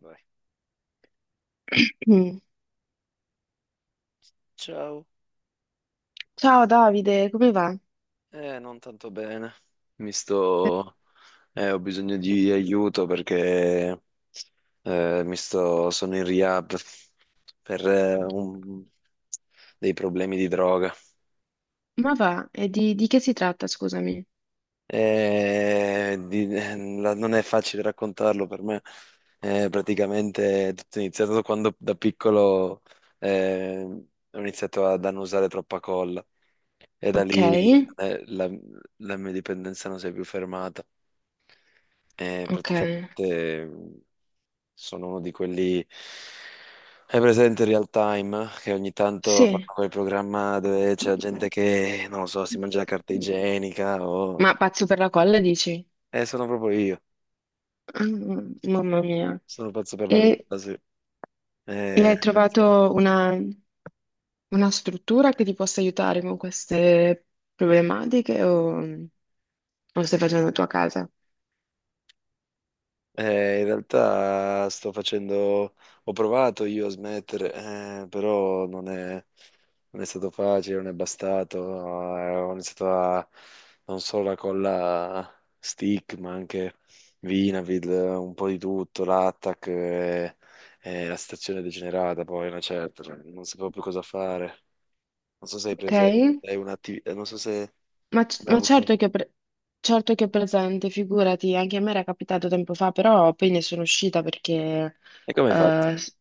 Vai. Mm. Ciao. Ciao Davide, come va? Non tanto bene. Mi sto... Ho bisogno di aiuto perché mi sto... Sono in rehab per dei problemi di droga. Ma va, e di che si tratta, scusami? Non è facile raccontarlo per me. Praticamente è tutto iniziato quando da piccolo ho iniziato ad annusare troppa colla e da Ok, lì eh, la, la mia dipendenza non si è più fermata. E ok. praticamente sono uno di quelli... Hai presente il Real Time? Che ogni tanto fanno Sì, quel programma dove c'è la gente che, non lo so, si mangia la carta igienica o... ma pazzo per la colla, dici? Sono proprio io. Mm, mamma mia. Sono pazzo per la E, cosa, sì. e Eh, hai trovato una struttura che ti possa aiutare con queste problematiche o stai facendo la tua casa? In realtà sto facendo, ho provato io a smettere, però non è, non è stato facile, non è bastato. Ho iniziato a non solo la colla stick, ma anche Vinavid, un po' di tutto, l'Attack e la stazione degenerata, poi una certa, cioè, non sapevo più cosa fare. Non so se hai Ok? presente, hai un'attività, non so se Ma, c- mai ma avuto. Certo che è presente, figurati, anche a me era capitato tempo fa, però poi ne sono uscita perché E come hai fatto? eh, s-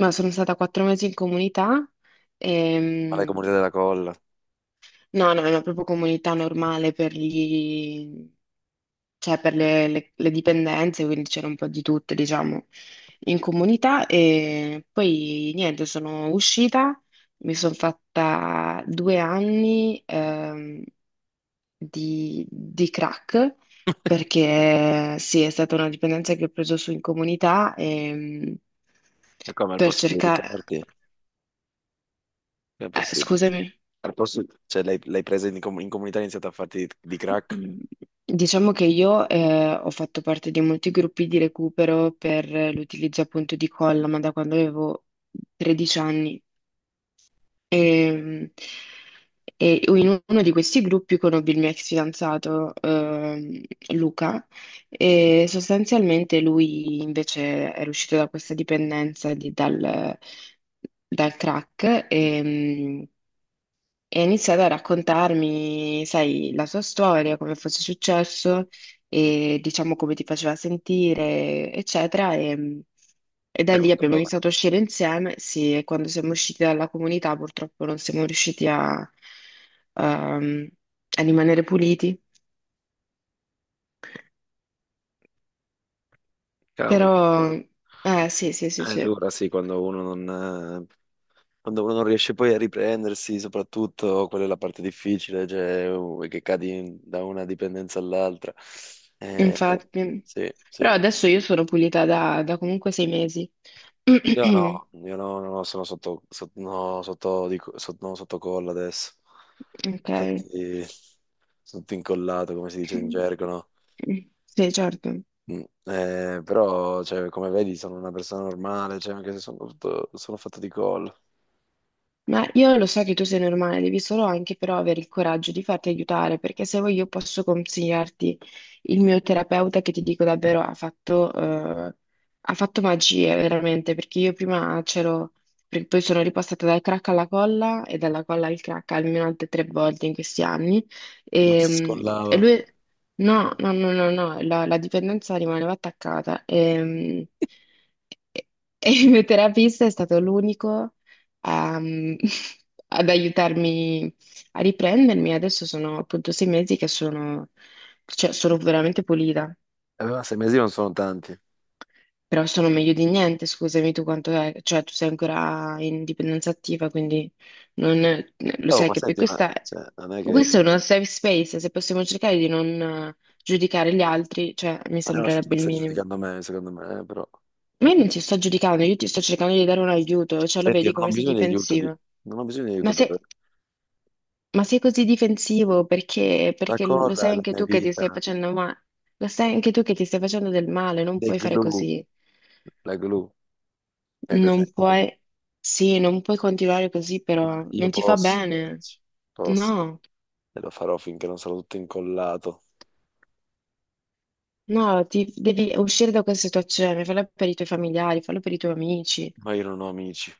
ma sono stata quattro mesi in comunità. E Ma l'hai mm, comunità della colla? no, no, è una proprio comunità normale per gli, cioè per le, le dipendenze, quindi c'era un po' di tutte, diciamo, in comunità. E poi niente, sono uscita, mi sono fatta due anni di crack, perché sì, è stata una dipendenza che ho preso su in comunità e, E come al per posto di cercare... evitarti? Come è possibile? scusami. Al posto, cioè, l'hai presa in, in comunità e hai iniziato a farti di crack? Mm, diciamo che io ho fatto parte di molti gruppi di recupero per l'utilizzo appunto di colla, ma da quando avevo 13 anni. E, e in uno di questi gruppi conobbi il mio ex fidanzato, Luca, e sostanzialmente lui invece era uscito da questa dipendenza dal crack. E ha iniziato a raccontarmi, sai, la sua storia, come fosse successo e diciamo come ti faceva sentire, eccetera. E È da lì brutta abbiamo prova. iniziato a uscire insieme. Sì, e quando siamo usciti dalla comunità, purtroppo non siamo riusciti ehm, a rimanere puliti. Cavolo, Però, sì, sì, sì, è sì, dura, sì, quando uno non riesce poi a riprendersi, soprattutto quella è la parte difficile, cioè che cadi da una dipendenza all'altra. Eh, infatti. sì, Però sì. adesso io sono pulita da comunque sei mesi. Io no, no, no, sono sotto, sotto, no, sotto, sotto, no, sotto colla adesso. Ok. Infatti, sono tutto incollato, come si dice in gergo, no? Sì, certo. Però, cioè, come vedi, sono una persona normale, cioè, anche se sono fatto, sono fatto di collo, Ma io lo so che tu sei normale, devi solo anche però avere il coraggio di farti aiutare, perché se vuoi io posso consigliarti il mio terapeuta che ti dico davvero ha fatto magie veramente, perché io prima c'ero, perché poi sono ripostata dal crack alla colla e dalla colla al crack almeno altre tre volte in questi anni non e, si mm, e scollava. lui, no, no, no, no, no, la dipendenza rimaneva attaccata e e il mio terapista è stato l'unico a- ad aiutarmi a riprendermi. Adesso sono appunto sei mesi che sono, cioè, sono veramente pulita, Ma sei mesi non sono tanti. però sono meglio di niente. Scusami, tu quanto è, cioè tu sei ancora in dipendenza attiva, quindi non, lo Oh, sai ma che poi senti, ma cioè, non è che... questo è uno safe space, se possiamo cercare di non giudicare gli altri, cioè mi Ma non sei tu sembrerebbe che il stai minimo. giudicando me, secondo me, però... Ma io non ti sto giudicando, io ti sto cercando di dare un aiuto, cioè lo Senti, vedi non ho come sei bisogno di aiuto, di... difensivo. Non ho bisogno di Ma aiuto per... se Ma sei così difensivo perché, La perché lo colla sai è la anche mia tu che ti stai vita. facendo male, lo sai anche tu che ti stai facendo del male, non The puoi fare glue, così, la glue, è non presente? puoi, sì, non puoi continuare così, Ma però io non ti fa posso, bene, posso, no, e lo farò finché non sarò tutto incollato, no, devi uscire da questa situazione, fallo per i tuoi familiari, fallo per i tuoi amici. ma io non ho amici.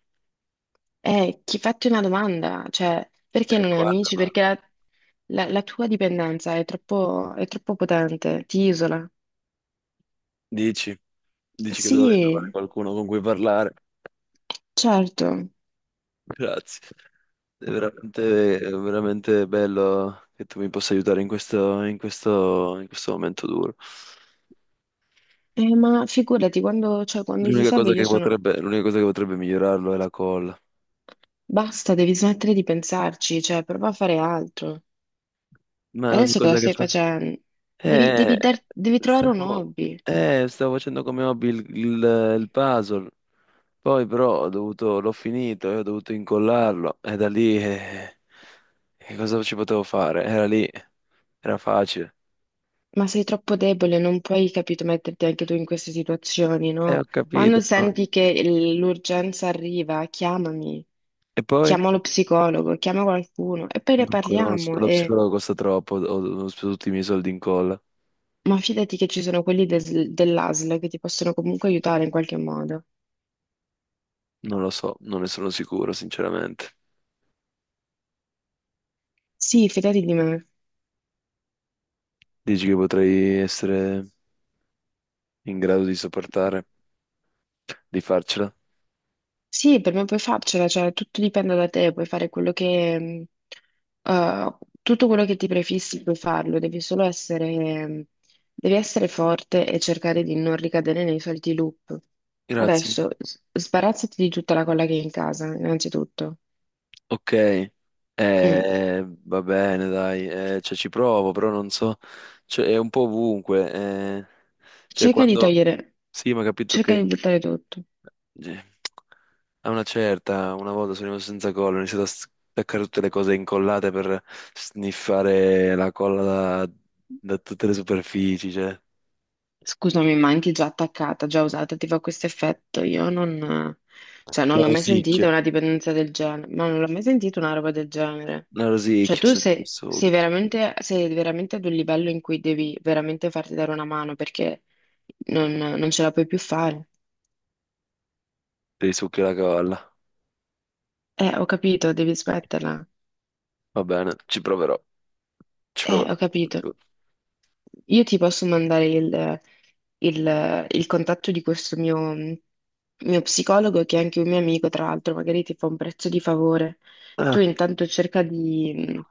Chi fatti una domanda, cioè, perché E non hai qua la amici? Perché domanda, la tua dipendenza è troppo potente, ti isola. dici? Dici che dovrei trovare Sì, qualcuno con cui parlare. certo. Grazie. È veramente bello che tu mi possa aiutare in questo, in questo, in questo momento duro. Ma figurati, quando, cioè, quando ti L'unica serve cosa io che sono... potrebbe, l'unica cosa che potrebbe migliorarlo è la colla. Basta, devi smettere di pensarci, cioè, prova a fare altro. Ma ogni Adesso cosa cosa che stai fa... facendo? Devi, Eh, devi dar- devi trovare un stavo, hobby, Stavo facendo come hobby il puzzle. Poi però ho dovuto, l'ho finito e ho dovuto incollarlo. E da lì... che cosa ci potevo fare? Era lì, era facile. ma sei troppo debole, non puoi, capito, metterti anche tu in queste situazioni, no? Ho Quando capito, ma... senti che l'urgenza arriva, chiamami, E poi? chiama lo psicologo, chiama qualcuno e poi ne Non conosco, parliamo. lo E... psicologo costa troppo, ho, ho speso tutti i miei soldi in colla. Ma fidati che ci sono quelli dell'ASL che ti possono comunque aiutare in qualche modo. Non lo so, non ne sono sicuro, sinceramente. Sì, fidati di me. Dici che potrei essere in grado di sopportare, di farcela? Sì, per me puoi farcela, cioè tutto dipende da te, puoi fare mh, eh, tutto quello che ti prefissi puoi farlo, devi essere forte e cercare di non ricadere nei soliti loop. Grazie. Adesso sbarazzati di tutta la colla che hai in casa, innanzitutto. Ok, Mm. Va bene, dai, cioè, ci provo, però non so, cioè, è un po' ovunque. Cioè, Cerca di quando... togliere, Sì, ma ho capito cerca che... di buttare tutto. Sì. A una certa, una volta sono rimasto senza colla, ho iniziato a staccare tutte le cose incollate per sniffare la colla da, da tutte le superfici, cioè Scusami, ma anche già attaccata, già usata, ti fa questo effetto? Io non, cioè, non la l'ho mai rosicchio, sentita una dipendenza del genere, ma non l'ho mai sentita una roba del genere. la Cioè, rosicchio, tu sento i sei, sei succhi, veramente, sei veramente ad un livello in cui devi veramente farti dare una mano perché non, non ce la puoi più fare. dei succhi la colla. Ho capito, devi smetterla. Va bene, ci proverò, ci proverò. Ho capito. Io ti posso mandare il contatto di questo mio psicologo, che è anche un mio amico, tra l'altro, magari ti fa un prezzo di favore. Tu Ah, intanto cerca di,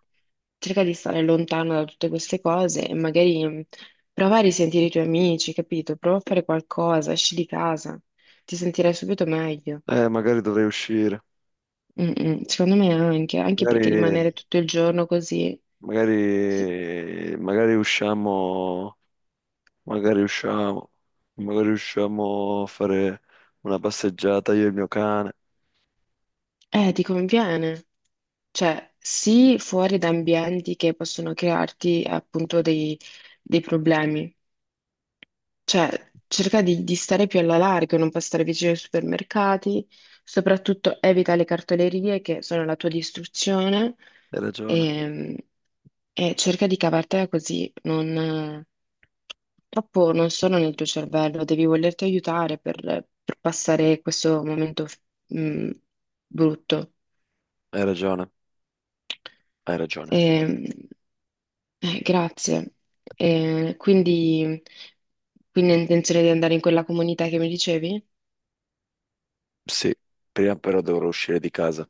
cerca di stare lontano da tutte queste cose e magari prova a risentire i tuoi amici, capito? Prova a fare qualcosa, esci di casa, ti sentirai subito meglio. Magari dovrei uscire, Mm, mm, secondo me anche, anche perché magari, rimanere tutto il giorno così, magari, sì, magari usciamo, magari usciamo, magari usciamo a fare una passeggiata io e il mio cane. Ti conviene. Cioè, sì, fuori da ambienti che possono crearti appunto dei problemi. Cioè, cerca di stare più alla larga, non passare vicino ai supermercati, soprattutto evita le cartolerie che sono la tua distruzione Hai ragione, e, e cerca di cavartela così. Non, purtroppo non sono nel tuo cervello, devi volerti aiutare per passare questo momento, mh, brutto. hai ragione, hai ragione. Ehm, Grazie. Eh, quindi, quindi, hai intenzione di andare in quella comunità che mi dicevi? Sì, prima però dovrò uscire di casa.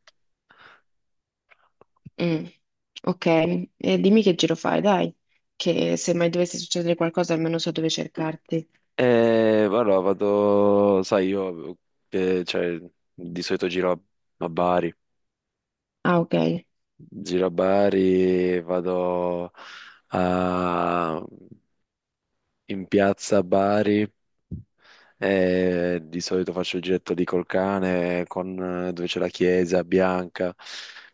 Mm, ok. Dimmi che giro fai, dai, che se mai dovesse succedere qualcosa almeno so dove cercarti. E allora vado, sai, io cioè, di solito giro a a Bari, Ah, ok. giro a Bari, a- in piazza a Bari. E di solito faccio il giretto lì col cane, con, dove c'è la chiesa bianca,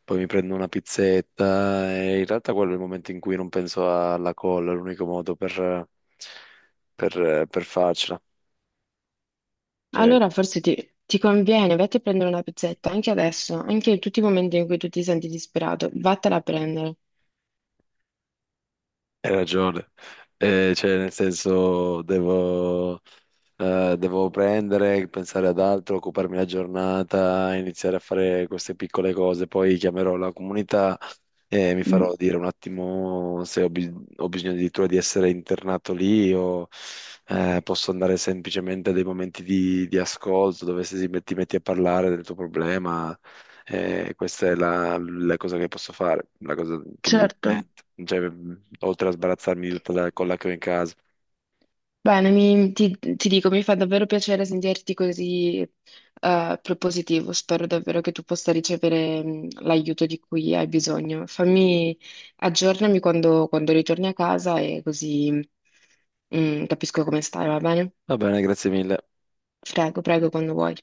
poi mi prendo una pizzetta e in realtà quello è il momento in cui non penso alla colla, è l'unico modo per farcela. Cioè, Allora forse ti conviene, vatti a prendere una pizzetta, anche adesso, anche in tutti i momenti in cui tu ti senti disperato, vattela a prendere. hai ragione. Cioè, nel senso, devo, devo prendere, pensare ad altro, occuparmi la giornata, iniziare a fare queste piccole cose, poi chiamerò la comunità. E mi Mm, farò dire un attimo se ho, ho bisogno addirittura di essere internato lì o posso andare semplicemente a dei momenti di ascolto dove se si met- ti metti a parlare del tuo problema. Questa è la, la cosa che posso fare, la cosa che mi viene certo. in mente, cioè, oltre a sbarazzarmi di tutta la colla che ho in casa. Bene, ti dico, mi fa davvero piacere sentirti così propositivo. Spero davvero che tu possa ricevere l'aiuto di cui hai bisogno. Aggiornami quando ritorni a casa e così capisco come stai, va bene? Va bene, grazie mille. Prego, prego, quando vuoi.